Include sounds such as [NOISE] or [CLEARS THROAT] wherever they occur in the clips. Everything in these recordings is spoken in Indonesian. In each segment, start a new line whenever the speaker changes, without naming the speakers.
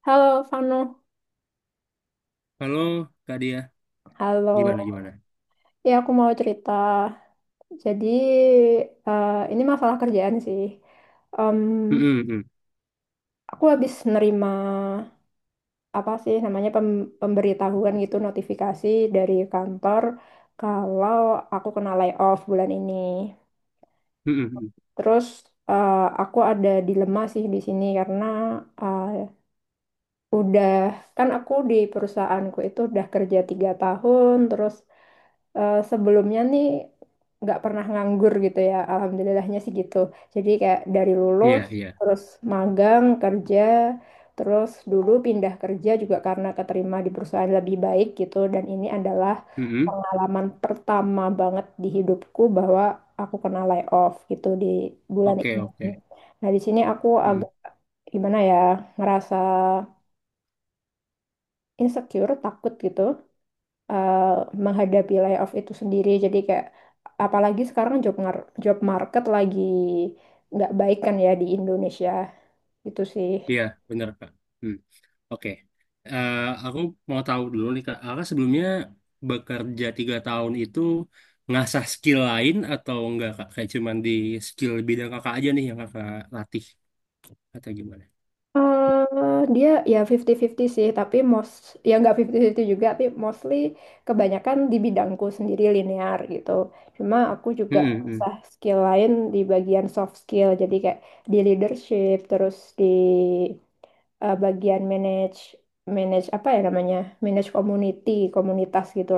Halo, Fano.
Halo, Kak Dia.
Halo.
Gimana, gimana?
Ya, aku mau cerita. Jadi, ini masalah kerjaan sih. Em,
Mm-mm, mm.
aku habis nerima apa sih namanya pemberitahuan gitu, notifikasi dari kantor kalau aku kena layoff bulan ini.
Mm-mm, mm.
Terus eh, aku ada dilema sih di sini karena eh, udah kan aku di perusahaanku itu udah kerja tiga tahun, terus sebelumnya nih nggak pernah nganggur gitu ya, alhamdulillahnya sih gitu, jadi kayak dari lulus
Iya, iya.
terus magang kerja, terus dulu pindah kerja juga karena keterima di perusahaan lebih baik gitu, dan ini adalah
Mm-mm.
pengalaman pertama banget di hidupku bahwa aku kena layoff gitu di bulan
Oke,
ini.
oke.
Nah, di sini aku
Mm-mm.
agak gimana ya, ngerasa insecure, takut gitu eh, menghadapi layoff itu sendiri. Jadi kayak apalagi sekarang job market lagi nggak baik kan ya di Indonesia. Gitu sih.
Iya, benar, Kak. Mm. Oke. Eh, aku mau tahu dulu nih, Kak. Kakak sebelumnya bekerja 3 tahun itu ngasah skill lain atau enggak, Kak? Kayak cuman di skill bidang kakak aja nih yang kakak latih atau gimana?
Eh dia ya 50-50 sih, tapi most, ya nggak 50-50 juga, tapi mostly kebanyakan di bidangku sendiri linear gitu. Cuma aku juga sah skill lain di bagian soft skill, jadi kayak di leadership, terus di bagian manage, manage apa ya namanya? Manage community, komunitas gitu.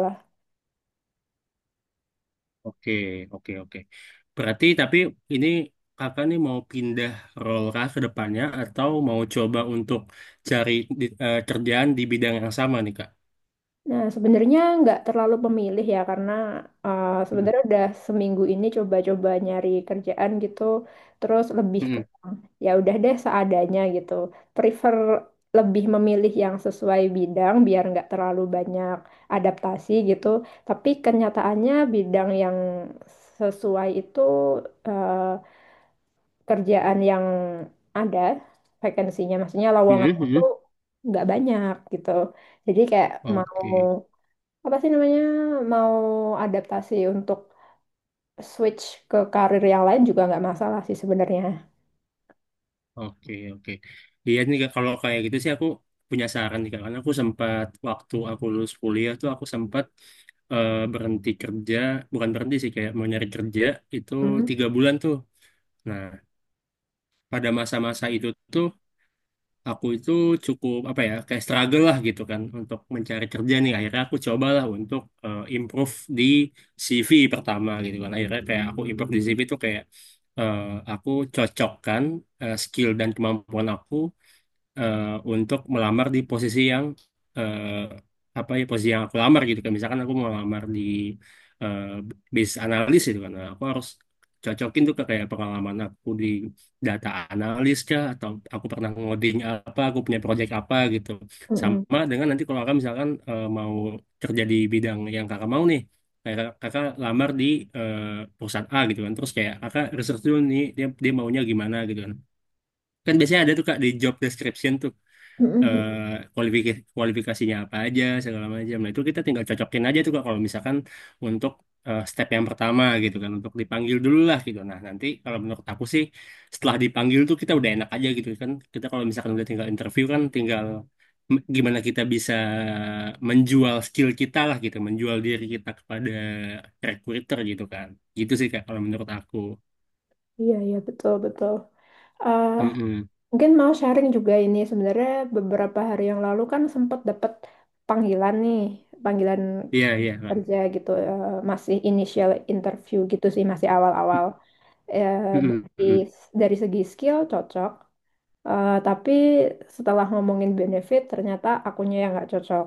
Oke, oke, oke. Berarti tapi ini kakak nih mau pindah role kah ke depannya atau mau coba untuk cari kerjaan di bidang yang sama nih, kak?
Nah, sebenarnya nggak terlalu memilih ya, karena
Mm-mm.
sebenarnya udah seminggu ini coba-coba nyari kerjaan gitu, terus lebih ke ya udah deh seadanya gitu. Prefer, lebih memilih yang sesuai bidang biar nggak terlalu banyak adaptasi gitu. Tapi kenyataannya bidang yang sesuai itu uh, kerjaan yang ada vakansinya, maksudnya lowongan itu
Mm-mm.
nggak banyak gitu. Jadi kayak mau
Oke,
apa sih namanya, mau adaptasi untuk switch ke karir yang lain juga nggak masalah sih sebenarnya.
oke, oke. Iya nih, Kak, kalau kayak gitu sih aku punya saran nih, kak. Karena aku sempat waktu aku lulus kuliah tuh aku sempat berhenti kerja, bukan berhenti sih kayak mau nyari kerja itu
Hmm.
3 bulan tuh. Nah, pada masa-masa itu tuh aku itu cukup apa ya kayak struggle lah gitu kan untuk mencari kerja nih, akhirnya aku cobalah untuk improve di CV pertama gitu kan, akhirnya kayak aku improve di CV itu kayak eh, aku cocokkan skill dan kemampuan aku eh, untuk melamar di posisi yang eh, apa ya, posisi yang aku lamar gitu kan, misalkan aku mau lamar di eh, bisnis analis gitu kan. Nah, aku harus cocokin tuh ke kayak pengalaman aku di data analis kah, atau aku pernah ngoding, apa aku punya project apa gitu,
Mm-mm.
sama dengan nanti kalau kakak misalkan mau kerja di bidang yang kakak mau nih, kayak kakak kakak lamar di eh, perusahaan A gitu kan, terus kayak kakak research dulu nih, dia dia maunya gimana gitu kan. Kan biasanya ada tuh, kak, di job description tuh,
Mm-mm.
eh kualifikasinya apa aja segala macam. Nah itu kita tinggal cocokin aja tuh, Kak, kalau misalkan untuk step yang pertama gitu kan, untuk dipanggil dulu lah gitu. Nah nanti kalau menurut aku sih, setelah dipanggil tuh kita udah enak aja gitu kan. Kita kalau misalkan udah tinggal interview kan tinggal gimana kita bisa menjual skill kita lah gitu, menjual diri kita kepada recruiter gitu kan. Gitu sih, Kak, kalau menurut aku.
Iya, iya, betul, betul. Eh,
Mm-mm.
mungkin mau sharing juga ini sebenarnya beberapa hari yang lalu kan sempat dapat panggilan nih, panggilan
Iya iya, Kak.
kerja gitu, masih initial interview gitu sih, masih awal-awal. Eh,
Mm-mm.
dari
Mm-mm.
dari segi skill cocok. Eh, tapi setelah ngomongin benefit, ternyata akunya yang nggak cocok.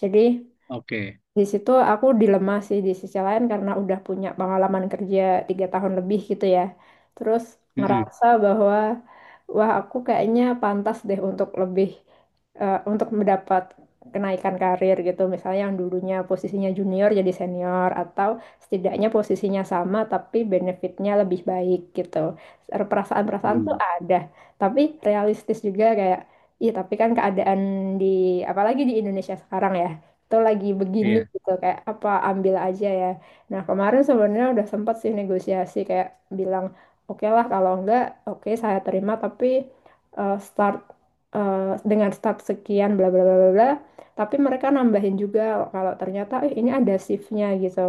Jadi
Oke.
di situ aku dilema sih di sisi lain karena udah punya pengalaman kerja tiga tahun lebih gitu ya. Terus
Mm-mm.
ngerasa bahwa wah, aku kayaknya pantas deh untuk lebih untuk mendapat kenaikan karir gitu. Misalnya yang dulunya posisinya junior jadi senior, atau setidaknya posisinya sama tapi benefitnya lebih baik gitu. Perasaan-perasaan tuh
Mm.
ada, tapi realistis juga kayak iya, tapi kan keadaan di apalagi di Indonesia sekarang ya tuh lagi begini
Iya.
gitu kayak apa, ambil aja ya. Nah, kemarin sebenarnya udah sempat sih negosiasi kayak bilang oke lah, kalau enggak oke saya terima, tapi start eh, dengan start sekian bla bla bla bla bla. Tapi mereka nambahin juga kalau ternyata eh, ini ada shiftnya gitu.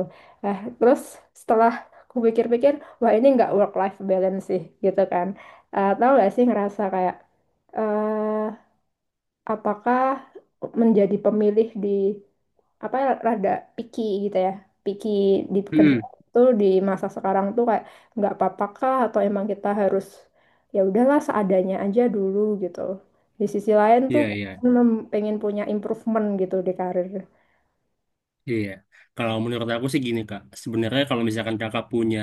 Eh, terus setelah aku pikir-pikir, wah ini nggak work life balance sih gitu kan. Eh, tahu gak sih, ngerasa kayak eh apakah menjadi pemilih di apa, rada picky gitu ya, picky di
Mm-mm.
pekerjaan tuh di masa sekarang tuh kayak nggak apa-apa kah, atau emang kita harus ya udahlah seadanya aja dulu gitu, di sisi lain tuh
Iya, iya,
pengen pengen punya improvement gitu di karir.
iya. Kalau menurut aku sih gini, Kak. Sebenarnya kalau misalkan kakak punya,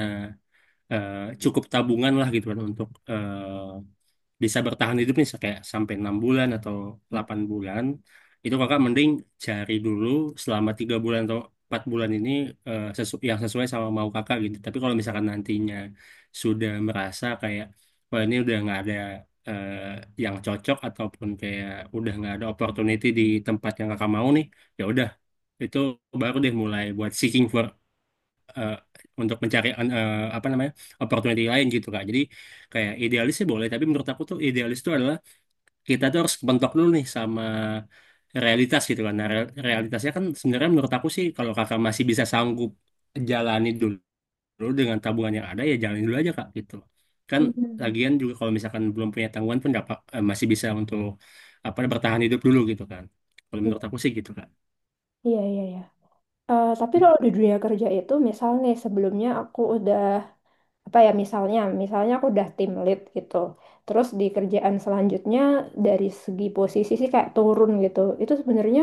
eh, cukup tabungan lah gitu kan, untuk bisa bertahan hidup nih kayak sampai 6 bulan atau 8 bulan, itu kakak mending cari dulu selama 3 bulan atau 4 bulan ini yang sesuai sama mau kakak gitu, tapi kalau misalkan nantinya sudah merasa kayak wah ini udah nggak ada eh, yang cocok, ataupun kayak udah nggak ada opportunity di tempat yang kakak mau nih, ya udah, itu baru deh mulai buat seeking for eh, untuk mencari apa namanya, opportunity lain gitu, kak. Jadi kayak idealis sih boleh, tapi menurut aku tuh idealis itu adalah kita tuh harus bentok dulu nih sama realitas gitu kan. Nah, realitasnya kan sebenarnya menurut aku sih, kalau kakak masih bisa sanggup jalani dulu, dengan tabungan yang ada, ya jalani dulu aja, kak, gitu. Kan
Hmm.
lagian juga kalau misalkan belum punya tanggungan pun dapat, masih bisa untuk apa bertahan hidup dulu gitu kan. Kalau menurut aku sih gitu, kak.
Iya, iya, iya. Eh, tapi
Mm.
kalau di dunia kerja itu, misalnya sebelumnya aku udah, apa ya, misalnya, misalnya aku udah tim lead gitu. Terus di kerjaan selanjutnya, dari segi posisi sih kayak turun gitu. Itu sebenarnya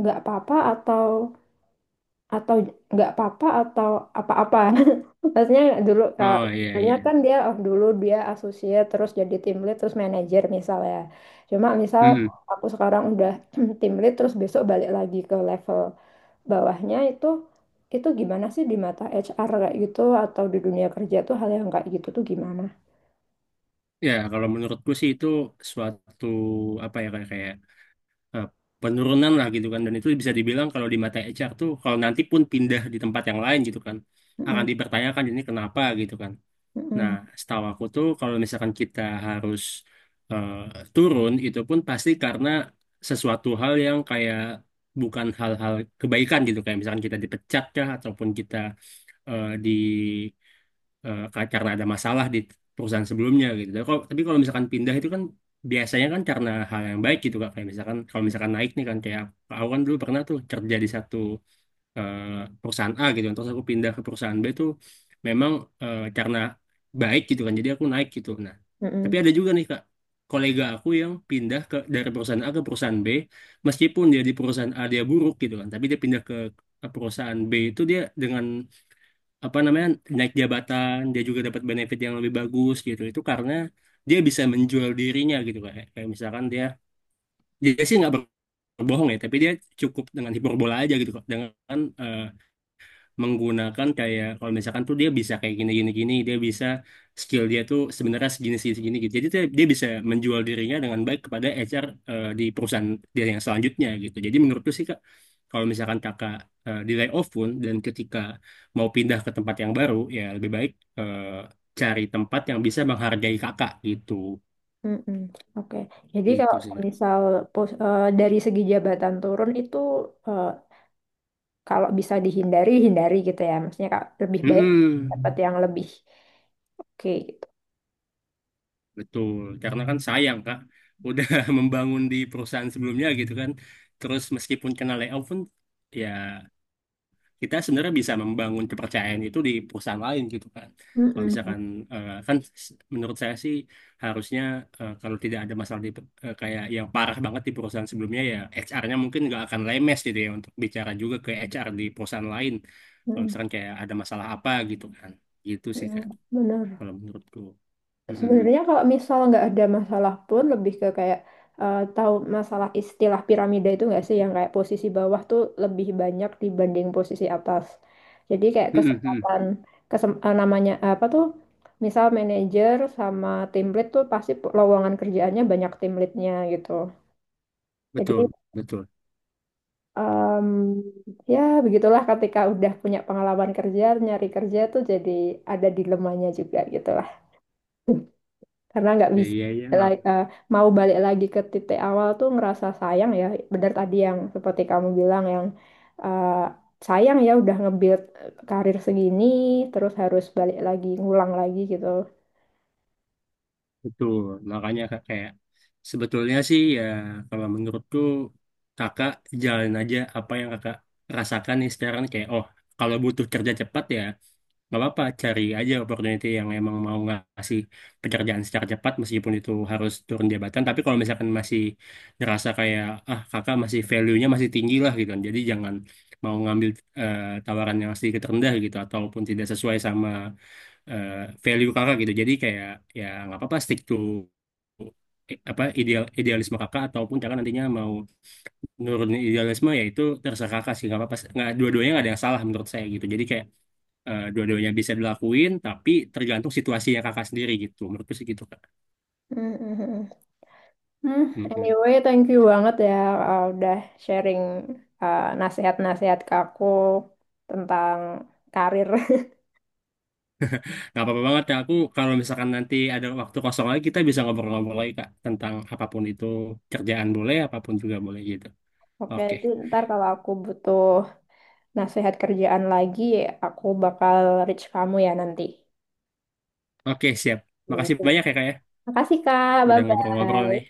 nggak apa-apa atau nggak apa-apa atau apa-apa [LAUGHS] maksudnya dulu kalau
Oh iya
misalnya
iya.
kan dia oh, dulu dia associate terus jadi tim lead terus manajer misalnya, cuma misal aku sekarang udah [CLEARS THROAT] tim lead terus besok balik lagi ke level bawahnya, itu gimana sih di mata HR kayak gitu, atau di dunia kerja tuh hal yang kayak gitu tuh gimana?
Ya, kalau menurutku sih itu suatu apa ya, kayak kayak eh, penurunan lah gitu kan, dan itu bisa dibilang kalau di mata HR tuh, kalau nanti pun pindah di tempat yang lain gitu kan, akan
Mm-mm,
dipertanyakan ini kenapa gitu kan. Nah,
mm-mm,
setahu aku tuh kalau misalkan kita harus eh, turun itu pun pasti karena sesuatu hal yang kayak bukan hal-hal kebaikan gitu, kayak misalkan kita dipecat kah, ataupun kita eh, di karena ada masalah di perusahaan sebelumnya gitu. Tapi kalau misalkan pindah itu kan biasanya kan karena hal yang baik gitu, Kak. Kayak misalkan kalau misalkan naik nih kan, kayak aku kan dulu pernah tuh kerja di satu eh, perusahaan A gitu. Kan, terus aku pindah ke perusahaan B tuh memang karena baik gitu kan. Jadi aku naik gitu. Nah, tapi
mm-mm,
ada juga nih, Kak, kolega aku yang pindah dari perusahaan A ke perusahaan B, meskipun dia di perusahaan A dia buruk gitu kan, tapi dia pindah ke perusahaan B itu dia dengan apa namanya, naik jabatan, dia juga dapat benefit yang lebih bagus gitu, itu karena dia bisa menjual dirinya gitu, kayak kayak misalkan dia dia sih nggak berbohong ya, tapi dia cukup dengan hiperbola aja gitu kok, dengan eh, menggunakan kayak kalau misalkan tuh dia bisa kayak gini gini gini, dia bisa skill dia tuh sebenarnya segini segini segini gitu, jadi dia bisa menjual dirinya dengan baik kepada HR di perusahaan dia yang selanjutnya gitu. Jadi menurutku sih, kak, kalau misalkan kakak di layoff pun, dan ketika mau pindah ke tempat yang baru, ya lebih baik eh, cari tempat yang bisa menghargai kakak gitu.
mm-mm. Oke, jadi
Gitu
kalau
sih, kak.
misal dari segi jabatan turun itu eh, kalau bisa dihindari, hindari gitu ya, maksudnya kak lebih baik dapat
Mm-mm.
yang lebih oke gitu.
Betul, karena kan sayang, Kak, udah [LAUGHS] membangun di perusahaan sebelumnya gitu kan. Terus meskipun kena layoff pun, ya kita sebenarnya bisa membangun kepercayaan itu di perusahaan lain gitu kan. Kalau
Mm-mm.
misalkan eh, kan menurut saya sih, harusnya kalau tidak ada masalah di kayak yang parah banget di perusahaan sebelumnya, ya HR-nya mungkin nggak akan lemes gitu ya untuk bicara juga ke HR di perusahaan lain. Kalau
Mm,
misalkan kayak ada masalah apa gitu kan. Gitu sih, Kak,
mm, bener,
kalau menurutku. Mm-mm.
sebenarnya kalau misal nggak ada masalah pun lebih ke kayak tahu masalah istilah piramida itu nggak sih, yang kayak posisi bawah tuh lebih banyak dibanding posisi atas, jadi kayak
[LAUGHS]
kesempatan namanya apa tuh, misal manajer sama tim lead tuh pasti lowongan kerjaannya banyak tim leadnya gitu, jadi
Betul, betul.
Em, ya begitulah ketika udah punya pengalaman kerja nyari kerja tuh jadi ada dilemanya juga gitu lah [LAUGHS] karena nggak
Ya,
bisa
iya, iya, nggak
like, mau balik lagi ke titik awal tuh ngerasa sayang ya, benar tadi yang seperti kamu bilang yang eh, sayang ya udah nge-build karir segini terus harus balik lagi ngulang lagi gitu.
betul. Makanya, Kak, kayak sebetulnya sih ya, kalau menurutku, kakak jalan aja apa yang kakak rasakan nih sekarang, kayak oh, kalau butuh kerja cepat ya nggak apa-apa, cari aja opportunity yang emang mau ngasih pekerjaan secara cepat, meskipun itu harus turun jabatan. Tapi kalau misalkan masih ngerasa kayak ah, kakak masih value-nya masih tinggi lah gitu kan. Jadi jangan mau ngambil eh, tawaran yang sedikit rendah gitu, ataupun tidak sesuai sama eh, value kakak gitu. Jadi kayak ya nggak apa-apa stick to apa idealisme kakak, ataupun kakak nantinya mau nurunin idealisme, ya itu terserah kakak sih, nggak apa-apa, nggak dua-duanya nggak ada yang salah menurut saya gitu. Jadi kayak dua-duanya bisa dilakuin, tapi tergantung situasinya kakak sendiri gitu. Menurutku sih gitu, kak.
[LAUGHS] Hmm,
Mm-mm.
anyway, thank you banget ya, udah sharing nasihat-nasihat ke aku tentang karir. [LAUGHS]
Nggak apa-apa banget ya, aku kalau misalkan nanti ada waktu kosong lagi, kita bisa ngobrol-ngobrol lagi, kak, tentang apapun itu, kerjaan boleh, apapun juga boleh gitu.
Oke,
Oke,
jadi ntar kalau aku butuh nasihat kerjaan lagi, aku bakal reach kamu ya nanti.
oke, siap. Makasih
Iya.
banyak ya, kak, ya,
Makasih Kak,
udah ngobrol-ngobrol nih.
bye-bye.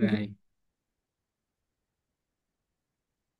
Baik.